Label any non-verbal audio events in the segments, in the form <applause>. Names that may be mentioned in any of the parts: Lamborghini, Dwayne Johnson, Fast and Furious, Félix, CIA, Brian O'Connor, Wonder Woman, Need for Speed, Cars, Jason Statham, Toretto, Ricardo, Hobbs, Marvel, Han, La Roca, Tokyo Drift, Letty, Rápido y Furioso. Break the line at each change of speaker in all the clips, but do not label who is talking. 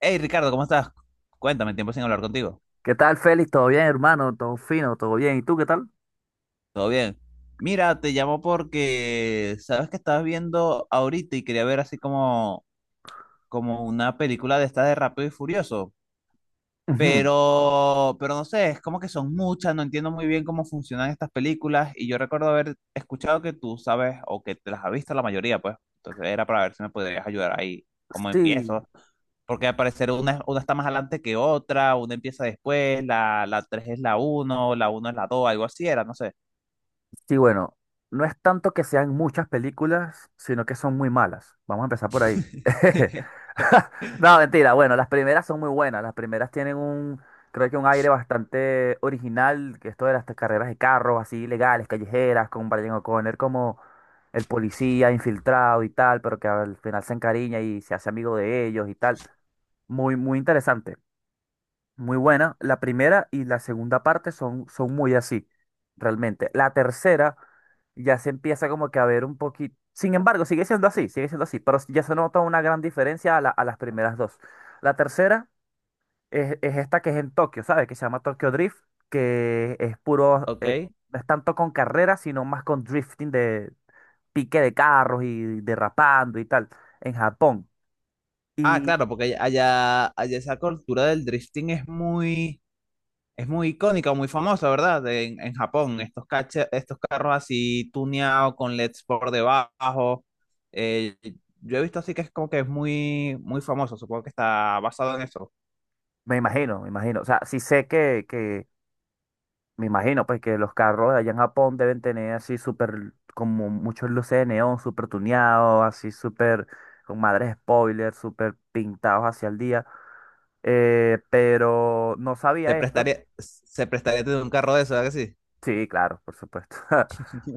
Hey Ricardo, ¿cómo estás? Cuéntame, tiempo sin hablar contigo.
¿Qué tal, Félix? ¿Todo bien, hermano? ¿Todo fino? ¿Todo bien? ¿Y tú qué tal?
¿Todo bien? Mira, te llamo porque sabes que estabas viendo ahorita y quería ver así como una película de esta de Rápido y Furioso.
Ujú.
Pero no sé, es como que son muchas, no entiendo muy bien cómo funcionan estas películas y yo recuerdo haber escuchado que tú sabes o que te las has visto la mayoría, pues. Entonces era para ver si me podrías ayudar ahí, cómo
Sí,
empiezo. Porque al parecer una está más adelante que otra, una empieza después, la 3 es la uno, la uno es la dos, algo así era, no sé.
sí, bueno, no es tanto que sean muchas películas, sino que son muy malas. Vamos a empezar por ahí. <laughs>
<laughs>
No, mentira, bueno, las primeras son muy buenas. Las primeras tienen creo que un aire bastante original, que esto de las carreras de carros así legales, callejeras, con Brian O'Connor como el policía infiltrado y tal, pero que al final se encariña y se hace amigo de ellos y tal. Muy interesante. Muy buena. La primera y la segunda parte son muy así, realmente. La tercera ya se empieza como que a ver un poquito. Sin embargo, sigue siendo así, pero ya se nota una gran diferencia a, a las primeras dos. La tercera es esta que es en Tokio, ¿sabes? Que se llama Tokyo Drift, que es puro,
Ok.
no es tanto con carreras, sino más con drifting de pique de carros y derrapando y tal, en Japón.
Ah,
Y
claro, porque allá, allá esa cultura del drifting es muy... Es muy icónica, muy famosa, ¿verdad? En Japón, estos, estos carros así tuneados con LEDs por debajo. Eh, yo he visto así que es como que es muy, muy famoso, supongo que está basado en eso.
me imagino, me imagino. O sea, sí sé que me imagino, pues, que los carros de allá en Japón deben tener así súper, como muchos luces de neón, súper tuneados, así súper, con madres spoilers súper pintados hacia el día. Pero no
Se
sabía esto.
prestaría, se prestaría tener un carro de eso, ¿verdad que sí?
Sí, claro, por supuesto. <laughs>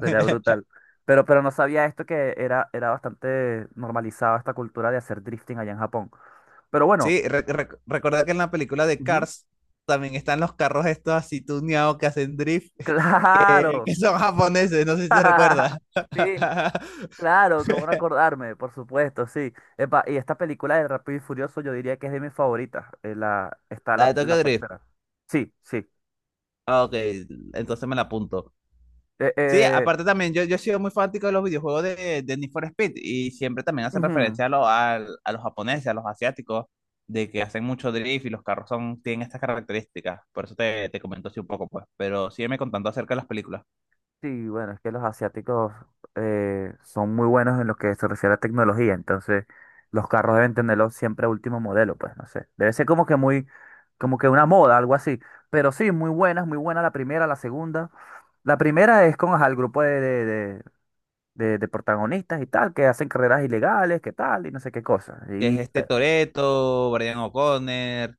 Sería brutal. Pero no sabía esto que era bastante normalizada esta cultura de hacer drifting allá en Japón. Pero bueno,
Sí, recordar que en la película de
ujú,
Cars también están los carros estos así tuneados que hacen drift, <laughs>
claro.
que son japoneses, no sé si se
<laughs>
recuerda.
Sí, claro, cómo no
<laughs>
acordarme, por supuesto, sí. Epa, y esta película de Rápido y Furioso yo diría que es de mis favoritas. Está
La de
la
Tokyo Drift.
tercera. Sí, sí.
Ah, Ok, entonces me la apunto.
Eh,
Sí,
eh,
aparte también, yo he sido muy fanático de los videojuegos de Need for Speed y siempre también hace
ujú.
referencia a, a los japoneses, a los asiáticos, de que hacen mucho drift y los carros son, tienen estas características. Por eso te comento así un poco, pues. Pero sígueme contando acerca de las películas.
Sí, bueno, es que los asiáticos son muy buenos en lo que se refiere a tecnología, entonces los carros deben tenerlo siempre a último modelo, pues no sé. Debe ser como que muy, como que una moda, algo así. Pero sí, muy buenas, muy buena la primera, la segunda. La primera es con ajá, el grupo de protagonistas y tal, que hacen carreras ilegales, que tal, y no sé qué cosa.
Que es
Y
este Toretto, Brian O'Connor.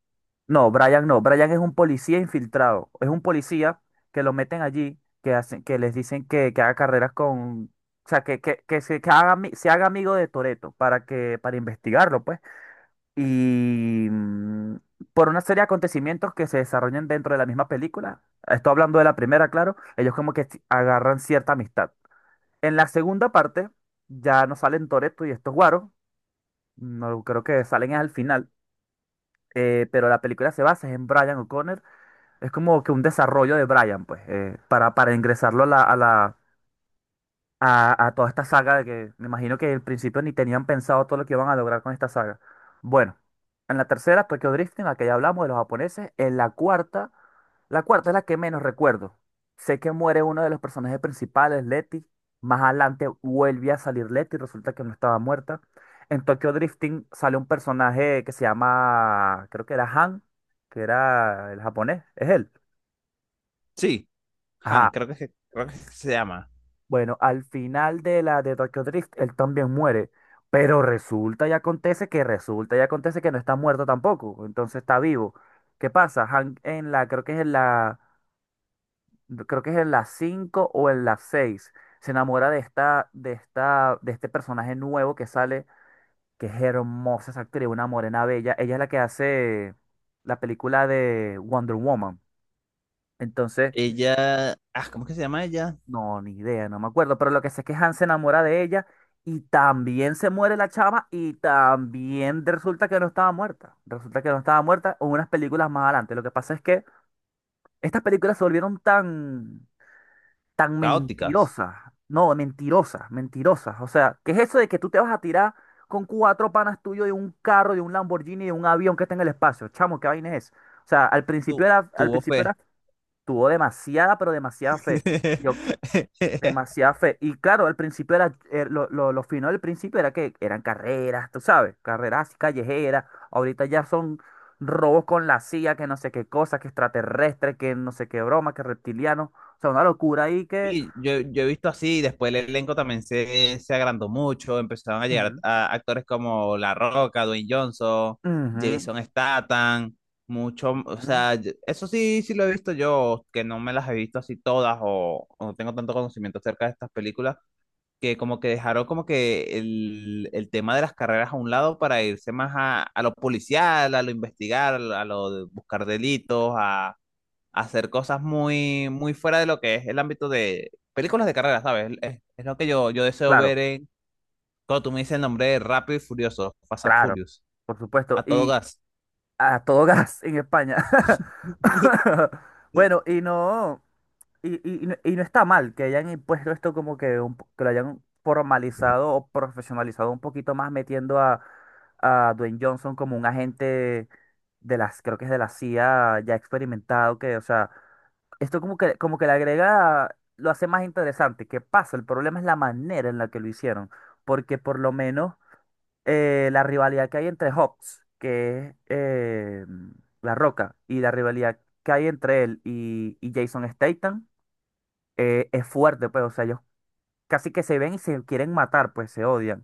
no, Brian no, Brian es un policía infiltrado, es un policía que lo meten allí, que hacen, que les dicen que haga carreras con, o sea, que se, que haga, se haga amigo de Toretto para que, para investigarlo, pues. Y por una serie de acontecimientos que se desarrollan dentro de la misma película, estoy hablando de la primera, claro, ellos como que si, agarran cierta amistad. En la segunda parte, ya no salen Toretto y estos guaros. No, creo que salen es al final, pero la película se basa en Brian O'Connor. Es como que un desarrollo de Brian, pues, para, ingresarlo a la, a toda esta saga de que me imagino que al principio ni tenían pensado todo lo que iban a lograr con esta saga. Bueno, en la tercera, Tokyo Drift, en la que ya hablamos de los japoneses, en la cuarta es la que menos recuerdo. Sé que muere uno de los personajes principales, Letty. Más adelante vuelve a salir Letty, resulta que no estaba muerta. En Tokyo Drifting sale un personaje que se llama, creo que era Han, que era el japonés, es él.
Sí, Han,
Ajá,
creo que, creo que se llama.
bueno, al final de la de Tokyo Drift, él también muere. Pero resulta y acontece que no está muerto tampoco. Entonces está vivo. ¿Qué pasa? Hank en creo que es en creo que es en la 5 o en la seis. Se enamora de esta, de este personaje nuevo que sale, que es hermosa esa actriz, una morena bella. Ella es la que hace la película de Wonder Woman. Entonces,
Ella. Ah, ¿cómo es que se llama ella?
no, ni idea, no me acuerdo, pero lo que sé es que Hans se enamora de ella y también se muere la chama y también resulta que no estaba muerta. Resulta que no estaba muerta o unas películas más adelante. Lo que pasa es que estas películas se volvieron tan
Caóticas.
mentirosas. No, mentirosas. O sea, ¿qué es eso de que tú te vas a tirar con cuatro panas tuyos de un carro, de un Lamborghini, de un avión que está en el espacio? Chamo, ¿qué vaina es? O sea,
Tu,
al
Tuvo
principio
fe.
era, tuvo demasiada, pero demasiada fe.
<laughs>
Demasiada fe. Y claro, al principio era, lo fino del principio era que eran carreras, tú sabes, carreras así callejeras. Ahorita ya son robos con la CIA, que no sé qué cosa, que extraterrestre, que no sé qué broma, que reptiliano. O sea, una locura ahí que...
Sí, yo he visto así, después el elenco también se agrandó mucho, empezaron a llegar
Ujú,
a actores como La Roca, Dwayne Johnson,
ujú,
Jason Statham, mucho, o
ujú.
sea, eso sí, sí lo he visto yo, que no me las he visto así todas o no tengo tanto conocimiento acerca de estas películas, que como que dejaron como que el tema de las carreras a un lado para irse más a lo policial, a lo investigar, a lo de buscar delitos, hacer cosas muy, muy fuera de lo que es el ámbito de películas de carreras, ¿sabes? Es lo que yo deseo
Claro,
ver en, cuando tú me dices el nombre de Rápido y Furioso, Fast and
claro,
Furious,
por supuesto.
a todo
Y
gas,
a todo <laughs> gas en España.
<laughs>
<laughs> Bueno, y no. Y no está mal que hayan impuesto esto como que, que lo hayan formalizado o profesionalizado un poquito más metiendo a Dwayne Johnson como un agente de las, creo que es de la CIA ya experimentado, que, o sea, esto como como que le agrega, lo hace más interesante. ¿Qué pasa? El problema es la manera en la que lo hicieron, porque por lo menos la rivalidad que hay entre Hobbs, que es La Roca, y la rivalidad que hay entre él y Jason Statham es fuerte, pues, o sea, ellos casi que se ven y se quieren matar, pues se odian.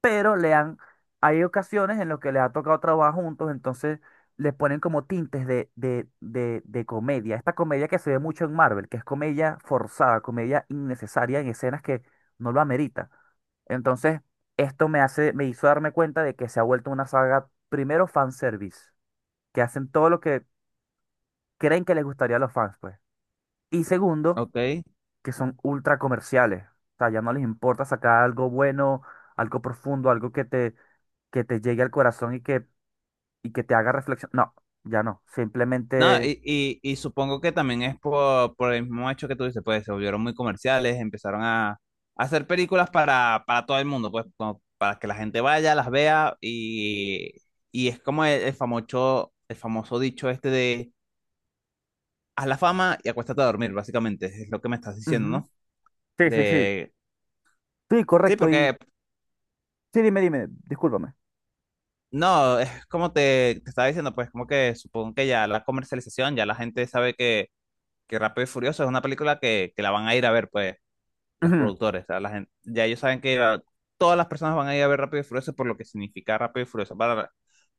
Pero le han, hay ocasiones en las que les ha tocado trabajar juntos, entonces les ponen como tintes de comedia. Esta comedia que se ve mucho en Marvel, que es comedia forzada, comedia innecesaria en escenas que no lo amerita. Entonces, esto me hace, me hizo darme cuenta de que se ha vuelto una saga, primero, fanservice, que hacen todo lo que creen que les gustaría a los fans, pues. Y segundo,
¿ok?
que son ultra comerciales. O sea, ya no les importa sacar algo bueno, algo profundo, algo que te llegue al corazón y que te haga reflexión. No, ya no.
No,
Simplemente.
y supongo que también es por el mismo hecho que tú dices, pues se volvieron muy comerciales, empezaron a hacer películas para todo el mundo, pues como para que la gente vaya, las vea y es como el famoso, el famoso dicho este de haz la fama y acuéstate a dormir, básicamente, es lo que me estás diciendo,
Ujú.
¿no?
Sí, sí, sí.
De,
Sí,
sí,
correcto. Y
porque,
sí, dime, discúlpame.
no, es como te estaba diciendo, pues como que supongo que ya la comercialización, ya la gente sabe que Rápido y Furioso es una película que la van a ir a ver, pues, los
Ujú.
productores, o sea, la gente, ya ellos saben que todas las personas van a ir a ver Rápido y Furioso por lo que significa Rápido y Furioso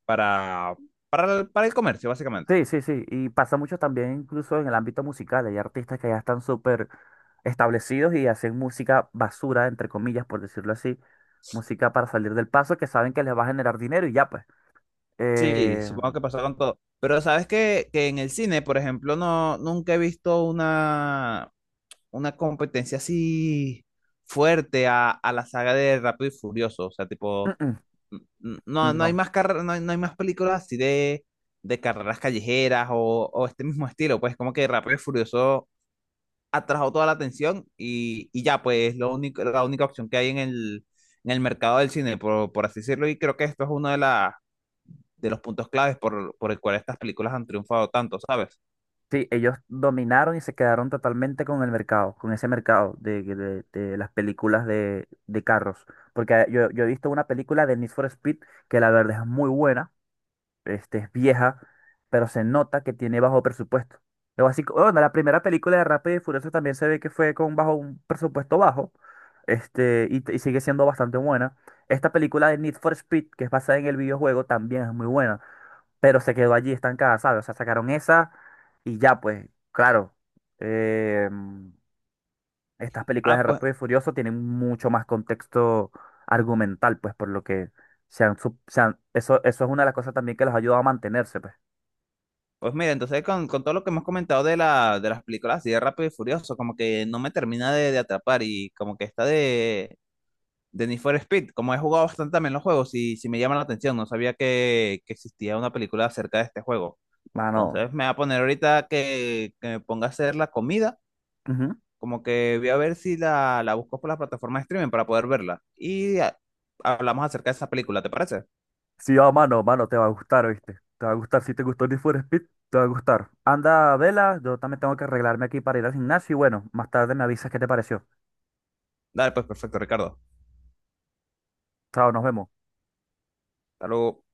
para, para el comercio, básicamente.
Sí, sí, sí. Y pasa mucho también incluso en el ámbito musical. Hay artistas que ya están súper establecidos y hacen música basura, entre comillas, por decirlo así. Música para salir del paso que saben que les va a generar dinero y ya pues.
Sí,
Eh,
supongo que pasó con todo. Pero sabes que en el cine, por ejemplo, no, nunca he visto una competencia así fuerte a la saga de Rápido y Furioso. O sea,
mm,
tipo,
mm,
no, no
No.
hay más no hay, no hay más películas así de carreras callejeras o este mismo estilo. Pues como que Rápido y Furioso atrajo toda la atención y ya, pues lo único, la única opción que hay en el mercado del cine, por así decirlo, y creo que esto es uno de la, de los puntos claves por el cual estas películas han triunfado tanto, ¿sabes?
Sí, ellos dominaron y se quedaron totalmente con el mercado, con ese mercado de las películas de carros. Porque yo he visto una película de Need for Speed que la verdad es muy buena, este, es vieja, pero se nota que tiene bajo presupuesto. Luego, así, bueno, la primera película de Rápido y Furioso también se ve que fue con bajo un presupuesto bajo, este, y sigue siendo bastante buena. Esta película de Need for Speed, que es basada en el videojuego, también es muy buena, pero se quedó allí estancada, ¿sabes? O sea, sacaron esa y ya, pues, claro. em, Estas películas de
Ah, pues
Rápido y Furioso tienen mucho más contexto argumental, pues, por lo que se han- eso es una de las cosas también que los ayuda a mantenerse, pues.
pues mira, entonces con todo lo que hemos comentado de, la, de las películas así de Rápido y Furioso, como que no me termina de atrapar y como que esta de Need for Speed, como he jugado bastante también los juegos y si me llama la atención, no sabía que existía una película acerca de este juego.
Mano.
Entonces me va a poner ahorita que me ponga a hacer la comida,
Ujú.
como que voy a ver si la busco por la plataforma de streaming para poder verla. Y hablamos acerca de esa película, ¿te parece?
Sí, ah, mano, mano, te va a gustar, ¿viste? Te va a gustar. Si te gustó Need for Speed, te va a gustar. Anda, vela, yo también tengo que arreglarme aquí para ir al gimnasio y bueno, más tarde me avisas qué te pareció.
Dale, pues perfecto, Ricardo.
Chao, nos vemos.
Hasta luego.